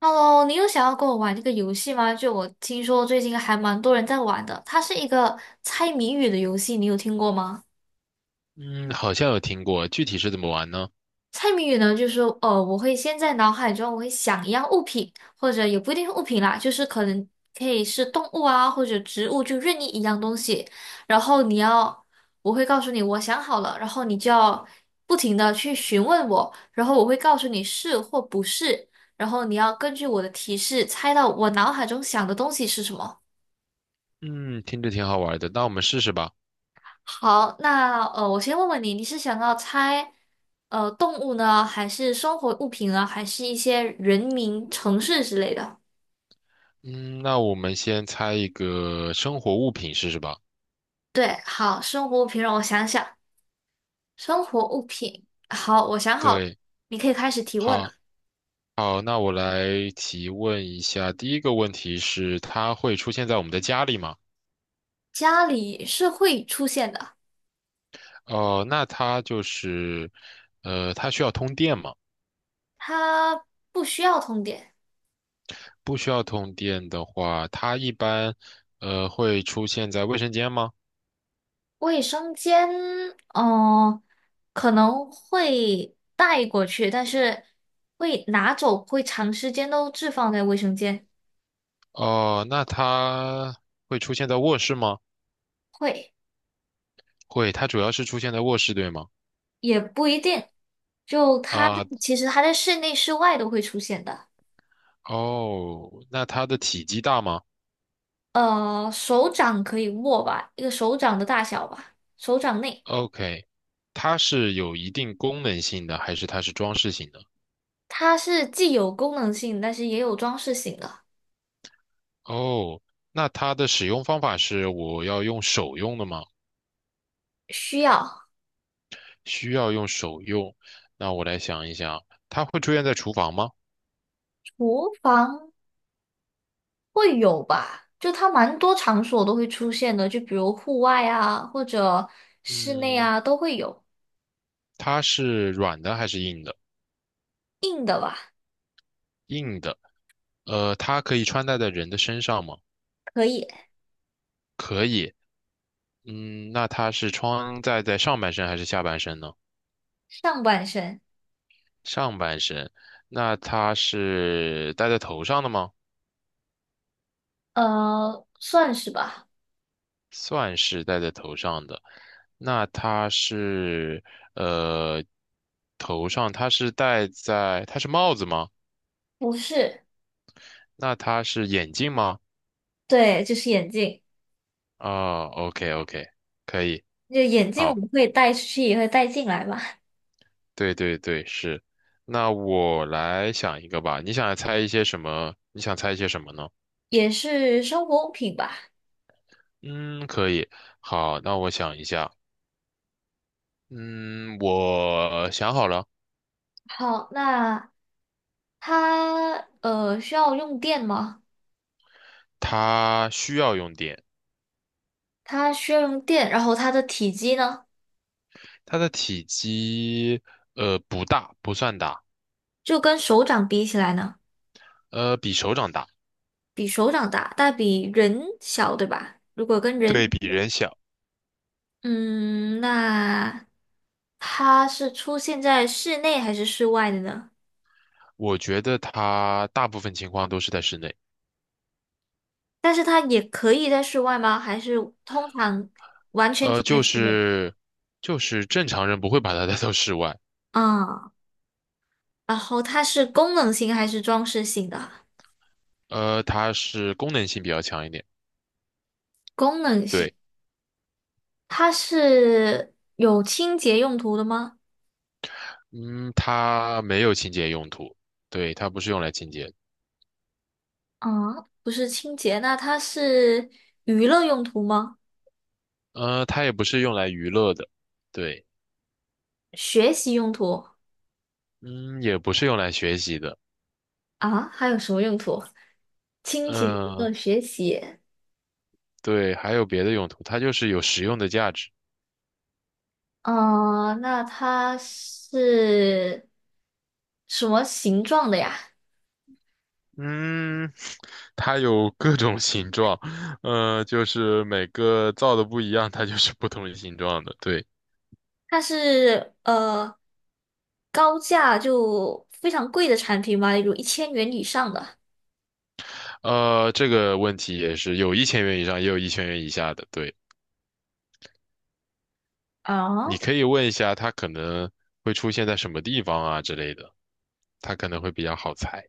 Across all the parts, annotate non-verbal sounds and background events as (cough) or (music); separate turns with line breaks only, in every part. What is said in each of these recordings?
Hello，你有想要跟我玩这个游戏吗？就我听说最近还蛮多人在玩的，它是一个猜谜语的游戏，你有听过吗？
嗯，好像有听过，具体是怎么玩呢？
猜谜语呢，就是说我会先在脑海中想一样物品，或者也不一定是物品啦，就是可以是动物啊，或者植物，就任意一样东西。然后你要，我会告诉你我想好了，然后你就要不停的去询问我，然后我会告诉你是或不是，然后你要根据我的提示猜到我脑海中想的东西是什么。
嗯，听着挺好玩的，那我们试试吧。
好，那我先问问你，你是想要猜动物呢，还是生活物品呢，还是一些人名、城市之类的？
嗯，那我们先猜一个生活物品试试吧。
对，好，生活物品让我想想，生活物品，好，我想好了，
对，
你可以开始提问
好，
了。
好，那我来提问一下，第一个问题是，它会出现在我们的家里吗？
家里是会出现的，
哦，那它就是，它需要通电吗？
它不需要通电。
不需要通电的话，它一般，会出现在卫生间吗？
卫生间，嗯、可能会带过去，但是会拿走，会长时间都置放在卫生间。
哦，那它会出现在卧室吗？
会。
会，它主要是出现在卧室，对吗？
也不一定，就它
啊，
其实它在室内、室外都会出现的。
哦，那它的体积大吗
呃，手掌可以握吧，一个手掌的大小吧，手掌内，
？OK，它是有一定功能性的，还是它是装饰性的？
它是既有功能性，但是也有装饰性的，
哦，那它的使用方法是我要用手用的吗？
需要。
需要用手用。那我来想一想，它会出现在厨房吗？
厨房会有吧，就它蛮多场所都会出现的，就比如户外啊，或者室内
嗯，
啊都会有。
它是软的还是硬的？
硬的吧，
硬的。它可以穿戴在人的身上吗？
可以，
可以。嗯，那它是穿戴在上半身还是下半身呢？
上半身，
上半身，那它是戴在头上的吗？
呃，算是吧，
算是戴在头上的。那它是呃，头上它是戴在，它是帽子吗？
不是，
那它是眼镜吗？
对，就是眼镜。
啊，OK OK，可以，
就眼镜我
好，
们会带出去，也会带进来嘛，
对对对，是。那我来想一个吧，你想猜一些什么？你想猜一些什么呢？
也是生活物品吧。
嗯，可以，好，那我想一下，嗯，我想好了。
好，那它需要用电吗？
它需要用电，
它需要用电，然后它的体积呢，
它的体积不大，不算大，
就跟手掌比起来呢，
比手掌大，
比手掌大，但比人小，对吧？如果跟人
对
比，
比人小。
嗯，那它是出现在室内还是室外的呢？
我觉得它大部分情况都是在室内，
但是它也可以在室外吗？还是通常完全只
呃
在
就
室内？
是就是正常人不会把它 (laughs) 带到室外，
啊、然后它是功能性还是装饰性的啊
它是功能性比较强一点，
功能性，
对，
它是有清洁用途的吗？
嗯它没有清洁用途，对它不是用来清洁的，
啊，不是清洁，那它是娱乐用途吗？
它也不是用来娱乐的，对，
学习用途
嗯也不是用来学习的，
啊？还有什么用途？清洁、娱
嗯、
乐学习。
对，还有别的用途，它就是有实用的价值。
嗯、那它是什么形状的呀？
嗯，(sucks teeth) 它有各种形状，就是每个造的不一样，它就是不同形状的。对，
它是高价就非常贵的产品吗？有1000元以上的？
这个问题也是有一千元以上，也有一千元以下的。对，
啊？
你可以问一下它可能会出现在什么地方啊之类的，它可能会比较好猜。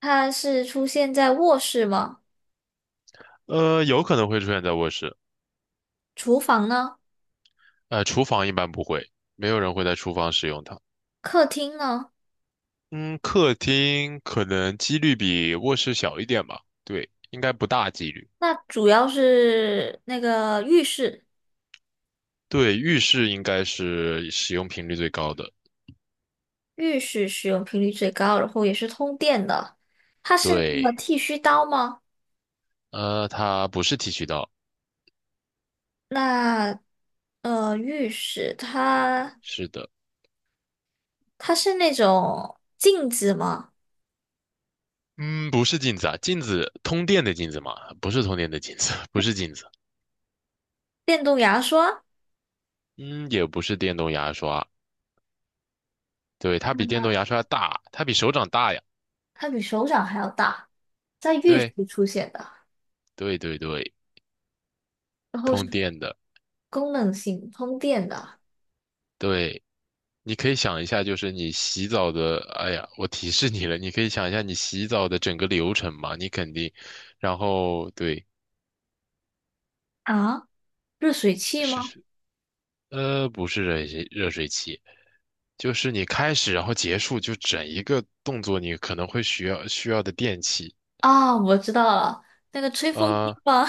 它是出现在卧室吗？
有可能会出现在卧室，
厨房呢？
厨房一般不会，没有人会在厨房使用它。
客厅呢？
嗯，客厅可能几率比卧室小一点吧，对，应该不大几率。
那主要是那个浴室，
对，浴室应该是使用频率最高的。
浴室使用频率最高，然后也是通电的。它是那个
对，
剃须刀吗？
它不是剃须刀，
那浴室
是的，
它是那种镜子吗？
嗯，不是镜子啊，镜子，通电的镜子嘛，不是通电的镜子，(laughs) 不是镜子，
电动牙刷，
嗯，也不是电动牙刷，对，它比电动牙刷大，它比手掌大呀，
它比手掌还要大，在浴室
对，
出现的，
对对对，
然后
通
是
电的，
功能性通电的
对。你可以想一下，就是你洗澡的，哎呀，我提示你了，你可以想一下你洗澡的整个流程嘛，你肯定，然后对，
啊，热水器
是，
吗？
不是热水器，就是你开始然后结束，就整一个动作，你可能会需要的电器，
啊，我知道了，那个吹风机
啊、
吧。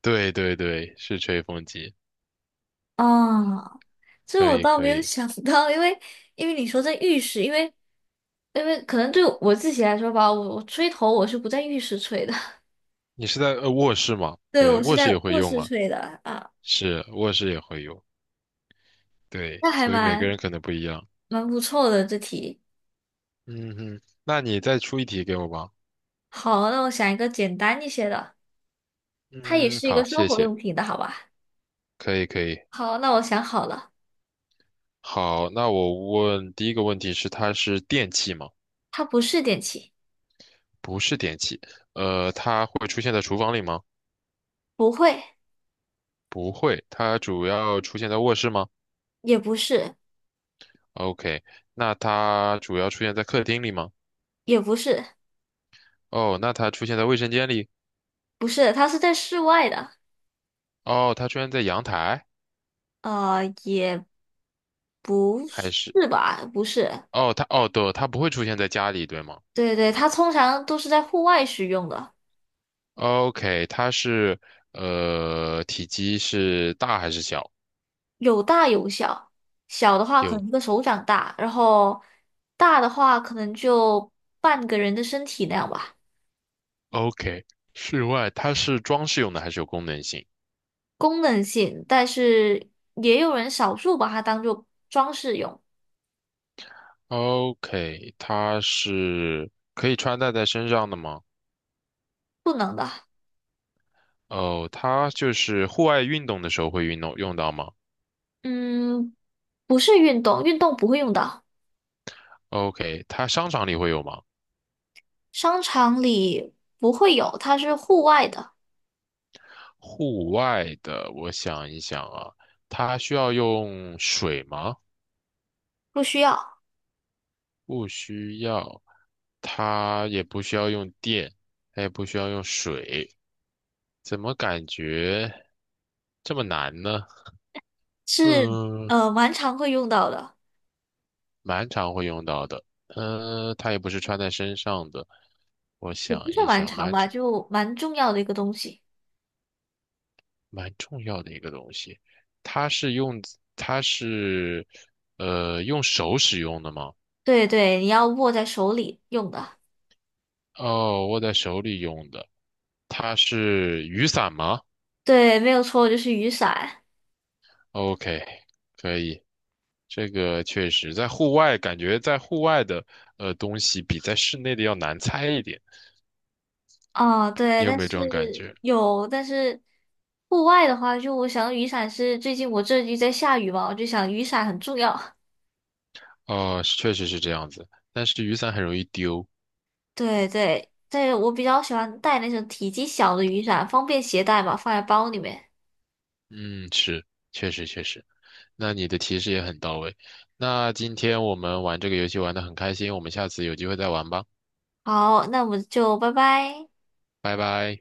对对对，是吹风机，
(laughs) 啊，这
可
我
以
倒
可
没有
以，
想到，因为你说在浴室，因为可能对我自己来说吧，我吹头我是不在浴室吹的，
你是在卧室吗？
(laughs) 对，
对，
我是
卧室也
在
会
卧
用
室
啊，
吹的啊，
是卧室也会用，对，
那
所以每个人可能不一样，
蛮不错的这题。
嗯哼，那你再出一题给我吧。
好，那我想一个简单一些的，它也
嗯，
是一个
好，
生
谢
活
谢，
用品的，好吧？
可以可以。
好，那我想好了，
好，那我问第一个问题是，它是电器吗？
它不是电器，
不是电器。它会出现在厨房里吗？
不会，
不会。它主要出现在卧室吗
也不是，
？OK。那它主要出现在客厅里吗？
也不是，
哦，那它出现在卫生间里？
不是，它是在室外的，
哦，它出现在阳台
呃，也。不
还
是
是？
吧？不是，
哦，它哦，对，它不会出现在家里，对吗
对对，它通常都是在户外使用的，
？OK，它是体积是大还是小？
有大有小。小的话可
有
能一个手掌大，然后大的话可能就半个人的身体那样吧。
OK，室外它是装饰用的还是有功能性
功能性，但是也有人少数把它当做装饰用，
？OK，它是可以穿戴在身上的吗？
不能的。
哦，它就是户外运动的时候会运动用到吗
嗯，不是运动，运动不会用到，
？OK，它商场里会有吗？
商场里不会有，它是户外的，
户外的，我想一想啊，它需要用水吗？
不需要，
不需要，它也不需要用电，它也不需要用水，怎么感觉这么难呢？
是
嗯。
蛮常会用到的。
蛮常会用到的。嗯、它也不是穿在身上的。我
也不
想
算
一
蛮
想，
长吧，就蛮重要的一个东西。
蛮重要的一个东西。它是用它是用手使用的吗？
对对，你要握在手里用的。
哦，握在手里用的。它是雨伞吗
对，没有错，就是雨伞。
？OK，可以。这个确实在户外，感觉在户外的东西比在室内的要难猜一点。
哦，对，
你有
但
没有
是
这种感觉？
有，但是户外的话，就我想雨伞是最近我这里在下雨嘛，我就想雨伞很重要。
哦，确实是这样子。但是雨伞很容易丢，
对对对，我比较喜欢带那种体积小的雨伞，方便携带嘛，放在包里面。
嗯，是，确实确实，那你的提示也很到位。那今天我们玩这个游戏玩得很开心，我们下次有机会再玩吧，
好，那我们就拜拜。
拜拜。